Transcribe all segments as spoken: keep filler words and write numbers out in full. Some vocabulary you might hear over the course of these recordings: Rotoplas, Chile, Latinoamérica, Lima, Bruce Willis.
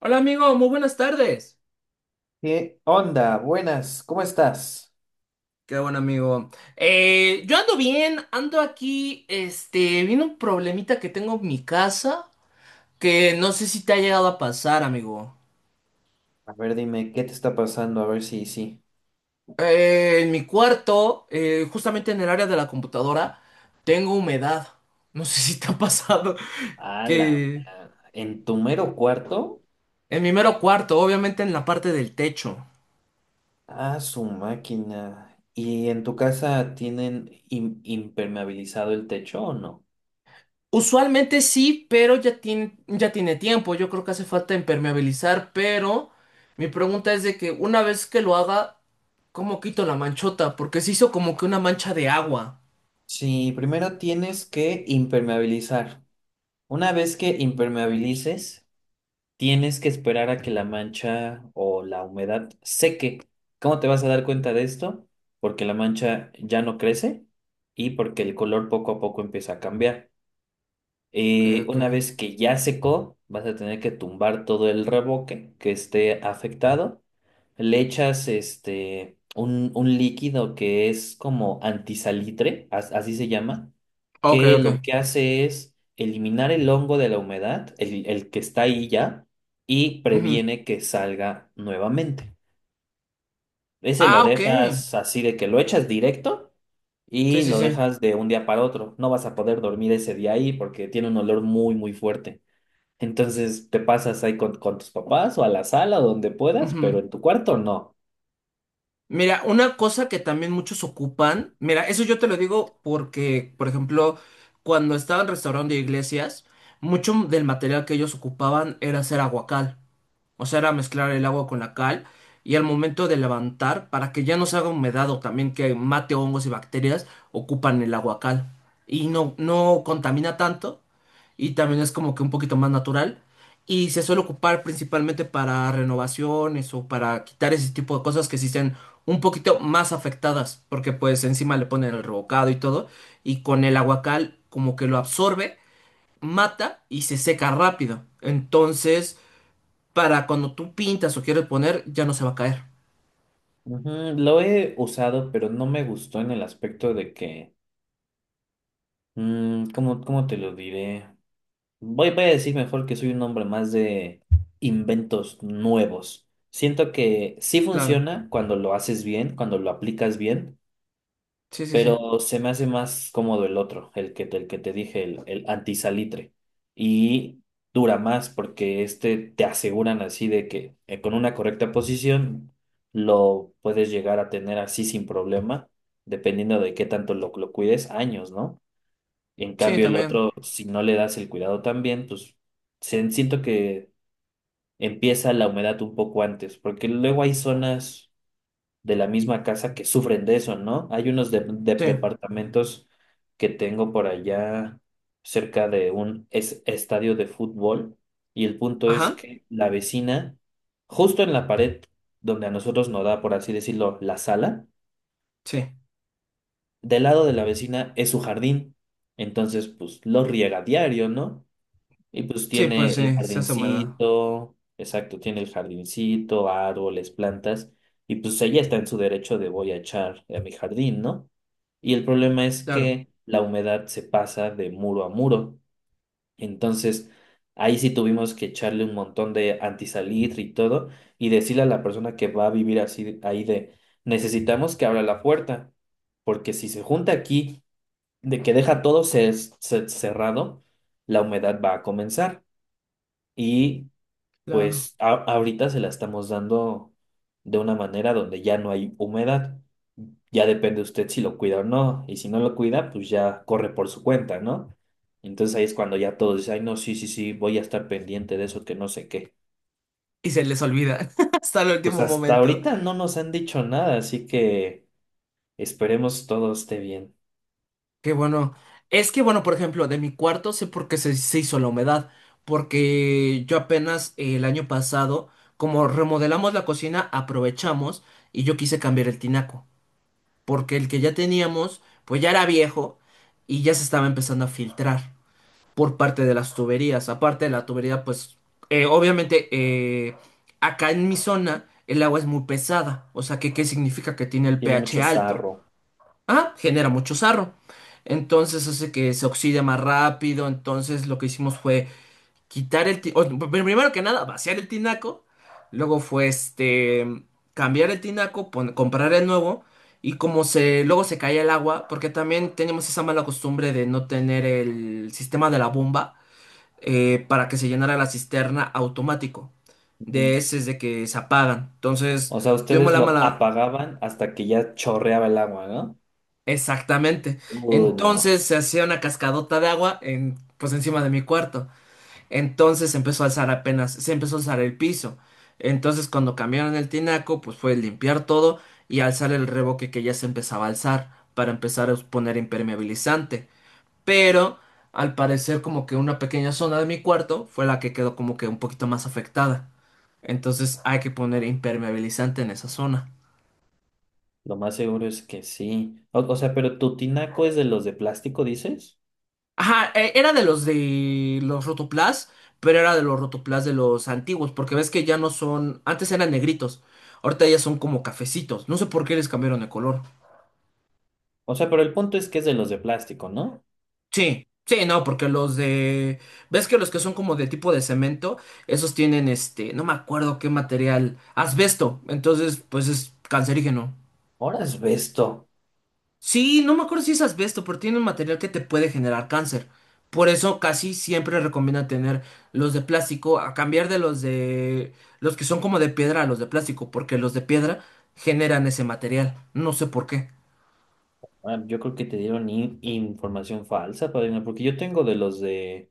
Hola amigo, muy buenas tardes. ¿Qué onda? Buenas, ¿cómo estás? Qué bueno, amigo. Eh, yo ando bien, ando aquí, este, viene un problemita que tengo en mi casa que no sé si te ha llegado a pasar, amigo. A ver, dime, ¿qué te está pasando? A ver si sí. Eh, en mi cuarto, eh, justamente en el área de la computadora, tengo humedad. No sé si te ha pasado A la que ma- ¿En tu mero cuarto? en mi mero cuarto, obviamente en la parte del techo. Ah, su máquina. ¿Y en tu casa tienen im- impermeabilizado el techo o no? Usualmente sí, pero ya tiene, ya tiene tiempo. Yo creo que hace falta impermeabilizar, pero mi pregunta es de que una vez que lo haga, ¿cómo quito la manchota? Porque se hizo como que una mancha de agua. Sí, primero tienes que impermeabilizar. Una vez que impermeabilices, tienes que esperar a que la mancha o la humedad seque. ¿Cómo te vas a dar cuenta de esto? Porque la mancha ya no crece y porque el color poco a poco empieza a cambiar. Ok, Eh, ok. Una vez que ya secó, vas a tener que tumbar todo el reboque que esté afectado. Le echas este, un, un líquido que es como antisalitre, as- así se llama, Ok, que ok. lo que hace es eliminar el hongo de la humedad, el, el que está ahí ya, y Ujú. previene que salga nuevamente. Ese lo Ah, ok. dejas así de que lo echas directo Sí, y sí, lo sí. dejas de un día para otro. No vas a poder dormir ese día ahí porque tiene un olor muy, muy fuerte. Entonces te pasas ahí con, con tus papás o a la sala o donde puedas, Ujú. pero en tu cuarto no. Mira, una cosa que también muchos ocupan, mira, eso yo te lo digo porque, por ejemplo, cuando estaban restaurando iglesias, mucho del material que ellos ocupaban era hacer aguacal. O sea, era mezclar el agua con la cal y al momento de levantar, para que ya no se haga humedad o también que mate hongos y bacterias, ocupan el agua cal. Y no, no contamina tanto y también es como que un poquito más natural. Y se suele ocupar principalmente para renovaciones o para quitar ese tipo de cosas que sí estén un poquito más afectadas, porque pues encima le ponen el revocado y todo, y con el aguacal como que lo absorbe, mata y se seca rápido. Entonces para cuando tú pintas o quieres poner, ya no se va a caer. Ujú. Lo he usado, pero no me gustó en el aspecto de que, mm, ¿cómo, cómo te lo diré? Voy, voy a decir mejor que soy un hombre más de inventos nuevos. Siento que sí Claro. funciona cuando lo haces bien, cuando lo aplicas bien, Sí, sí, sí. pero se me hace más cómodo el otro, el que, el que te dije, el, el antisalitre. Y dura más porque este te aseguran así de que eh, con una correcta posición lo puedes llegar a tener así sin problema, dependiendo de qué tanto lo, lo cuides, años, ¿no? En Sí, cambio, el también. otro, si no le das el cuidado también, pues se- siento que empieza la humedad un poco antes, porque luego hay zonas de la misma casa que sufren de eso, ¿no? Hay unos de- de- Sí. departamentos que tengo por allá cerca de un es- estadio de fútbol y el punto es Ajá. que la vecina, justo en la pared donde a nosotros nos da, por así decirlo, la sala, Sí. del lado de la vecina es su jardín, entonces pues lo riega diario, ¿no? Y pues Sí, pues tiene el sí, se hace humedad. jardincito, exacto, tiene el jardincito, árboles, plantas, y pues ella está en su derecho de voy a echar a mi jardín, ¿no? Y el problema es Claro, que la humedad se pasa de muro a muro. Entonces, ahí sí tuvimos que echarle un montón de antisalitre y todo, y decirle a la persona que va a vivir así ahí de necesitamos que abra la puerta, porque si se junta aquí, de que deja todo cer- cer- cerrado, la humedad va a comenzar. Y claro. pues a- ahorita se la estamos dando de una manera donde ya no hay humedad. Ya depende usted si lo cuida o no. Y si no lo cuida, pues ya corre por su cuenta, ¿no? Entonces ahí es cuando ya todos dicen, ay, no, sí, sí, sí, voy a estar pendiente de eso, que no sé qué. Y se les olvida hasta el Pues último hasta momento. ahorita no nos han dicho nada, así que esperemos todo esté bien. Qué bueno. Es que, bueno, por ejemplo, de mi cuarto sé por qué se, se hizo la humedad. Porque yo apenas eh, el año pasado, como remodelamos la cocina, aprovechamos y yo quise cambiar el tinaco. Porque el que ya teníamos, pues ya era viejo y ya se estaba empezando a filtrar por parte de las tuberías. Aparte de la tubería, pues eh, obviamente eh, acá en mi zona el agua es muy pesada. O sea, que, ¿qué significa que tiene el Tiene pH mucho alto? sarro. Ah, genera mucho sarro. Entonces hace que se oxide más rápido. Entonces lo que hicimos fue quitar el... ti- o, pr- primero que nada, vaciar el tinaco. Luego fue este... cambiar el tinaco, pon- comprar el nuevo. Y como se, luego se caía el agua, porque también teníamos esa mala costumbre de no tener el sistema de la bomba eh, para que se llenara la cisterna automático. De Ujú. ese de que se apagan. Entonces, O sea, tuvimos ustedes la lo mala. apagaban hasta que ya chorreaba el agua, ¿no? Exactamente. Uh, no. Entonces se hacía una cascadota de agua en, pues encima de mi cuarto. Entonces se empezó a alzar apenas, se empezó a alzar el piso. Entonces cuando cambiaron el tinaco, pues fue limpiar todo y alzar el revoque que ya se empezaba a alzar para empezar a poner impermeabilizante. Pero al parecer como que una pequeña zona de mi cuarto fue la que quedó como que un poquito más afectada. Entonces hay que poner impermeabilizante en esa zona. Lo más seguro es que sí. O, o sea, pero tu tinaco es de los de plástico, dices. Ajá, e- era de los de los Rotoplas, pero era de los Rotoplas de los antiguos, porque ves que ya no son, antes eran negritos, ahorita ya son como cafecitos. No sé por qué les cambiaron de color. O sea, pero el punto es que es de los de plástico, ¿no? Sí, sí, no, porque los de... ¿Ves que los que son como de tipo de cemento, esos tienen este, no me acuerdo qué material, asbesto, entonces pues es cancerígeno? Ahora es. Sí, no me acuerdo si es asbesto, pero tiene un material que te puede generar cáncer. Por eso casi siempre recomienda tener los de plástico, a cambiar de los de... los que son como de piedra a los de plástico, porque los de piedra generan ese material. No sé por qué. Ah, yo creo que te dieron in- información falsa, padrino, porque yo tengo de los de,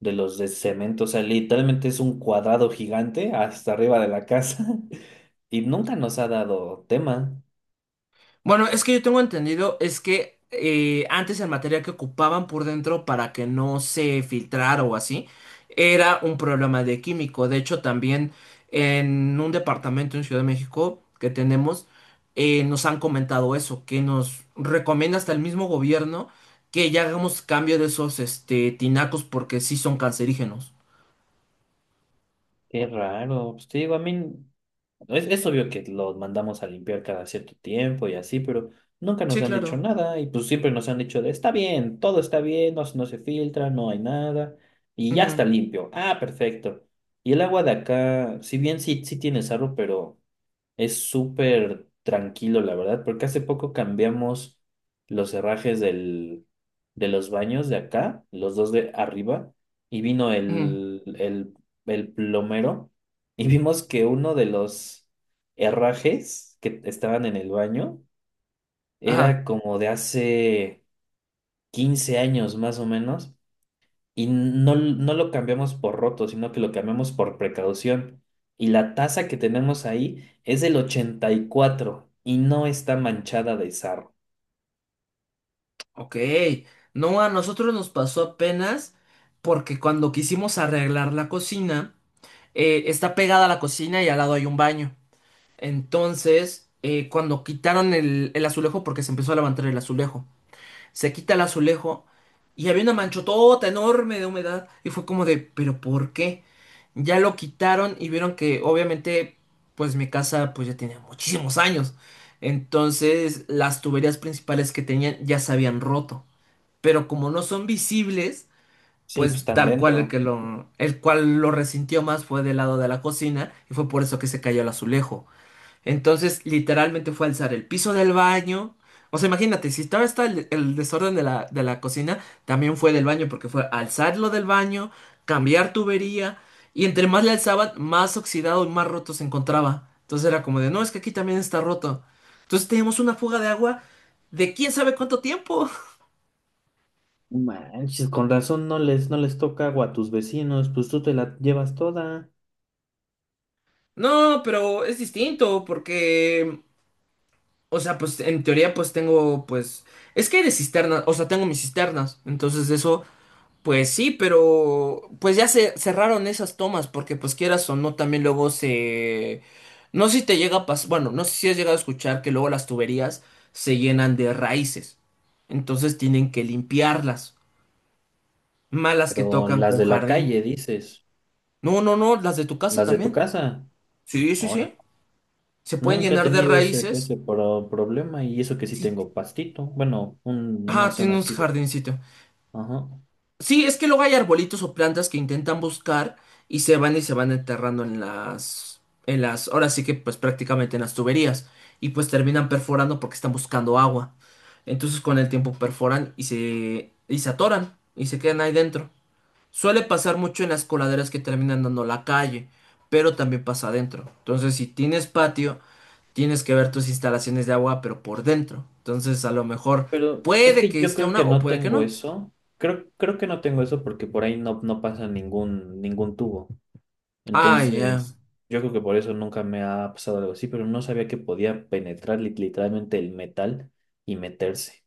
de los de cemento. O sea, literalmente es un cuadrado gigante hasta arriba de la casa. Y nunca nos ha dado tema. Bueno, es que yo tengo entendido, es que eh, antes el material que ocupaban por dentro para que no se filtrara o así, era un problema de químico. De hecho, también en un departamento en Ciudad de México que tenemos, eh, nos han comentado eso, que nos recomienda hasta el mismo gobierno que ya hagamos cambio de esos este, tinacos porque sí son cancerígenos. Qué raro. Pues te digo, a mí. Es, es obvio que los mandamos a limpiar cada cierto tiempo y así, pero nunca nos Sí, han dicho claro. nada y pues siempre nos han dicho de, está bien, todo está bien, no, se- no se filtra, no hay nada y ya está Ujú, limpio. Ah, perfecto. Y el agua de acá, si bien sí, sí tiene sarro, pero... Es súper tranquilo, la verdad, porque hace poco cambiamos los herrajes del, de los baños de acá, los dos de arriba, y vino ujú. el, el, el plomero y vimos que uno de los herrajes que estaban en el baño era Ajá. como de hace quince años más o menos, y no, no lo cambiamos por roto, sino que lo cambiamos por precaución. Y la taza que tenemos ahí es del ochenta y cuatro y no está manchada de sarro. Ok, no, a nosotros nos pasó apenas porque cuando quisimos arreglar la cocina, eh, está pegada a la cocina y al lado hay un baño. Entonces, eh, cuando quitaron el, el azulejo, porque se empezó a levantar el azulejo, se quita el azulejo y había una manchotota enorme de humedad y fue como de, ¿pero por qué? Ya lo quitaron y vieron que, obviamente, pues mi casa pues ya tenía muchísimos años. Entonces, las tuberías principales que tenían ya se habían roto, pero como no son visibles, Sí, pues pues están tal cual el dentro. que lo, el cual lo resintió más fue del lado de la cocina y fue por eso que se cayó el azulejo. Entonces, literalmente fue alzar el piso del baño. O sea, imagínate, si estaba está el, el desorden de la, de la cocina, también fue del baño, porque fue alzarlo del baño, cambiar tubería, y entre más le alzaban, más oxidado y más roto se encontraba. Entonces era como de, no, es que aquí también está roto. Entonces teníamos una fuga de agua de quién sabe cuánto tiempo. Manches, con razón no les, no les toca agua a tus vecinos, pues tú te la llevas toda. No, pero es distinto porque, o sea, pues en teoría pues tengo, pues, es que hay de cisternas, o sea, tengo mis cisternas, entonces eso, pues sí, pero pues ya se cerraron esas tomas porque pues quieras o no, también luego se... No sé si te llega a pasar, bueno, no sé si has llegado a escuchar que luego las tuberías se llenan de raíces, entonces tienen que limpiarlas, malas que Pero tocan las con de la jardín. calle, dices, No, no, no, las de tu casa las de tu también. casa. Sí, sí, Ahora, sí. Se pueden nunca he llenar de tenido ese, raíces. ese pro- problema y eso que sí Sí, tengo pastito. Bueno, un- una ah, tiene zona un así de... jardincito. Ajá. Sí, es que luego hay arbolitos o plantas que intentan buscar y se van y se van enterrando en las, en las, ahora sí que pues prácticamente en las tuberías y pues terminan perforando porque están buscando agua. Entonces con el tiempo perforan y se, y se atoran y se quedan ahí dentro. Suele pasar mucho en las coladeras que terminan dando a la calle, pero también pasa adentro. Entonces si tienes patio, tienes que ver tus instalaciones de agua, pero por dentro. Entonces a lo mejor Pero es puede que que yo esté creo una que o no puede que tengo no. eso. Creo, creo que no tengo eso porque por ahí no, no pasa ningún, ningún tubo. Ah, ya. Entonces, yo creo que por eso nunca me ha pasado algo así, pero no sabía que podía penetrar lit- literalmente el metal y meterse.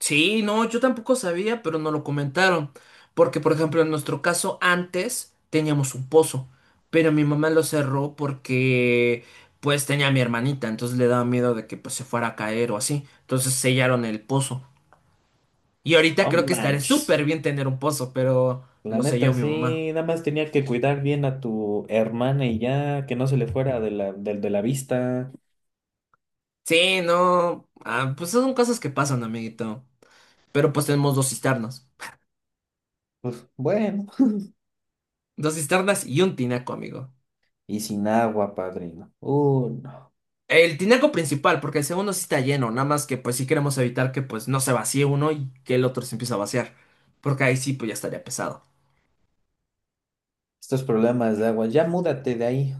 Sí, no, yo tampoco sabía, pero no lo comentaron. Porque, por ejemplo, en nuestro caso, antes teníamos un pozo, pero mi mamá lo cerró porque, pues, tenía a mi hermanita, entonces le daba miedo de que, pues, se fuera a caer o así. Entonces sellaron el pozo. Y ahorita Oh, creo que estaré manches. súper bien tener un pozo, pero La lo neta, selló mi mamá. sí, nada más tenía que cuidar bien a tu hermana y ya, que no se le fuera de la, del- de la vista. Sí, no. Ah, pues son cosas que pasan, amiguito. Pero pues tenemos dos cisternas. Pues bueno. Dos cisternas y un tinaco, amigo. Y sin agua, padrino. Uh, no. El tinaco principal, porque el segundo sí está lleno, nada más que pues sí queremos evitar que pues no se vacíe uno y que el otro se empiece a vaciar, porque ahí sí pues ya estaría pesado. Estos problemas de agua. Ya múdate de ahí.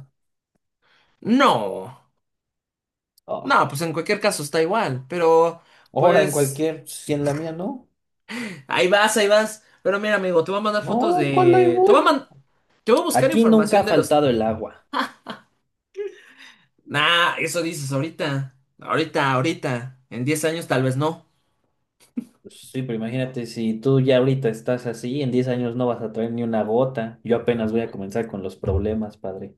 No, Oh. no, pues en cualquier caso está igual, pero Ahora en pues cualquier, si en la mía no. ahí vas, ahí vas. Pero mira, amigo, te voy a mandar fotos No, ¿cuál ahí de... Te voy? voy a man- te voy a buscar Aquí nunca información ha de los... faltado el agua. Nah, eso dices ahorita, ahorita, ahorita, en diez años tal vez no. Pues sí, pero imagínate si tú ya ahorita estás así, en diez años no vas a traer ni una gota. Yo apenas voy a comenzar con los problemas, padre.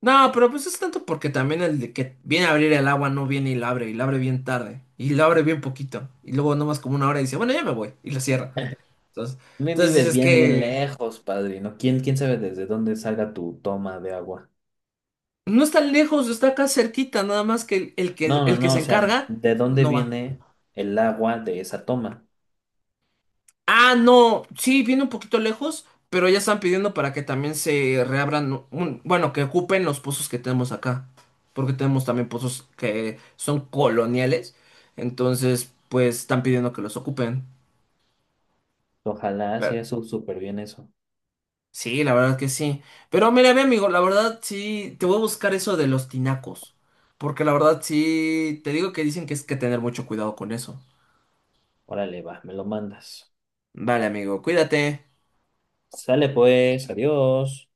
No, pero pues es tanto porque también el de que viene a abrir el agua no viene y la abre, y la abre bien tarde, y la abre bien poquito, y luego nomás como una hora y dice, bueno, ya me voy, y la cierra. Entonces, También entonces vives es bien, bien que lejos, padre, ¿no? ¿Quién, quién sabe desde dónde salga tu toma de agua? no está lejos, está acá cerquita, nada más que el, el que No, no, el que no, se o sea, encarga ¿de dónde no va. viene el agua de esa toma? Ah, no, sí, viene un poquito lejos, pero ya están pidiendo para que también se reabran, un- bueno, que ocupen los pozos que tenemos acá, porque tenemos también pozos que son coloniales, entonces pues están pidiendo que los ocupen. Ojalá Pero, sea su- súper bien eso. sí, la verdad que sí. Pero mira, mi amigo, la verdad sí, te voy a buscar eso de los tinacos. Porque la verdad sí, te digo que dicen que es que tener mucho cuidado con eso. Órale, va, me lo mandas. Vale, amigo, cuídate. Sale pues, adiós.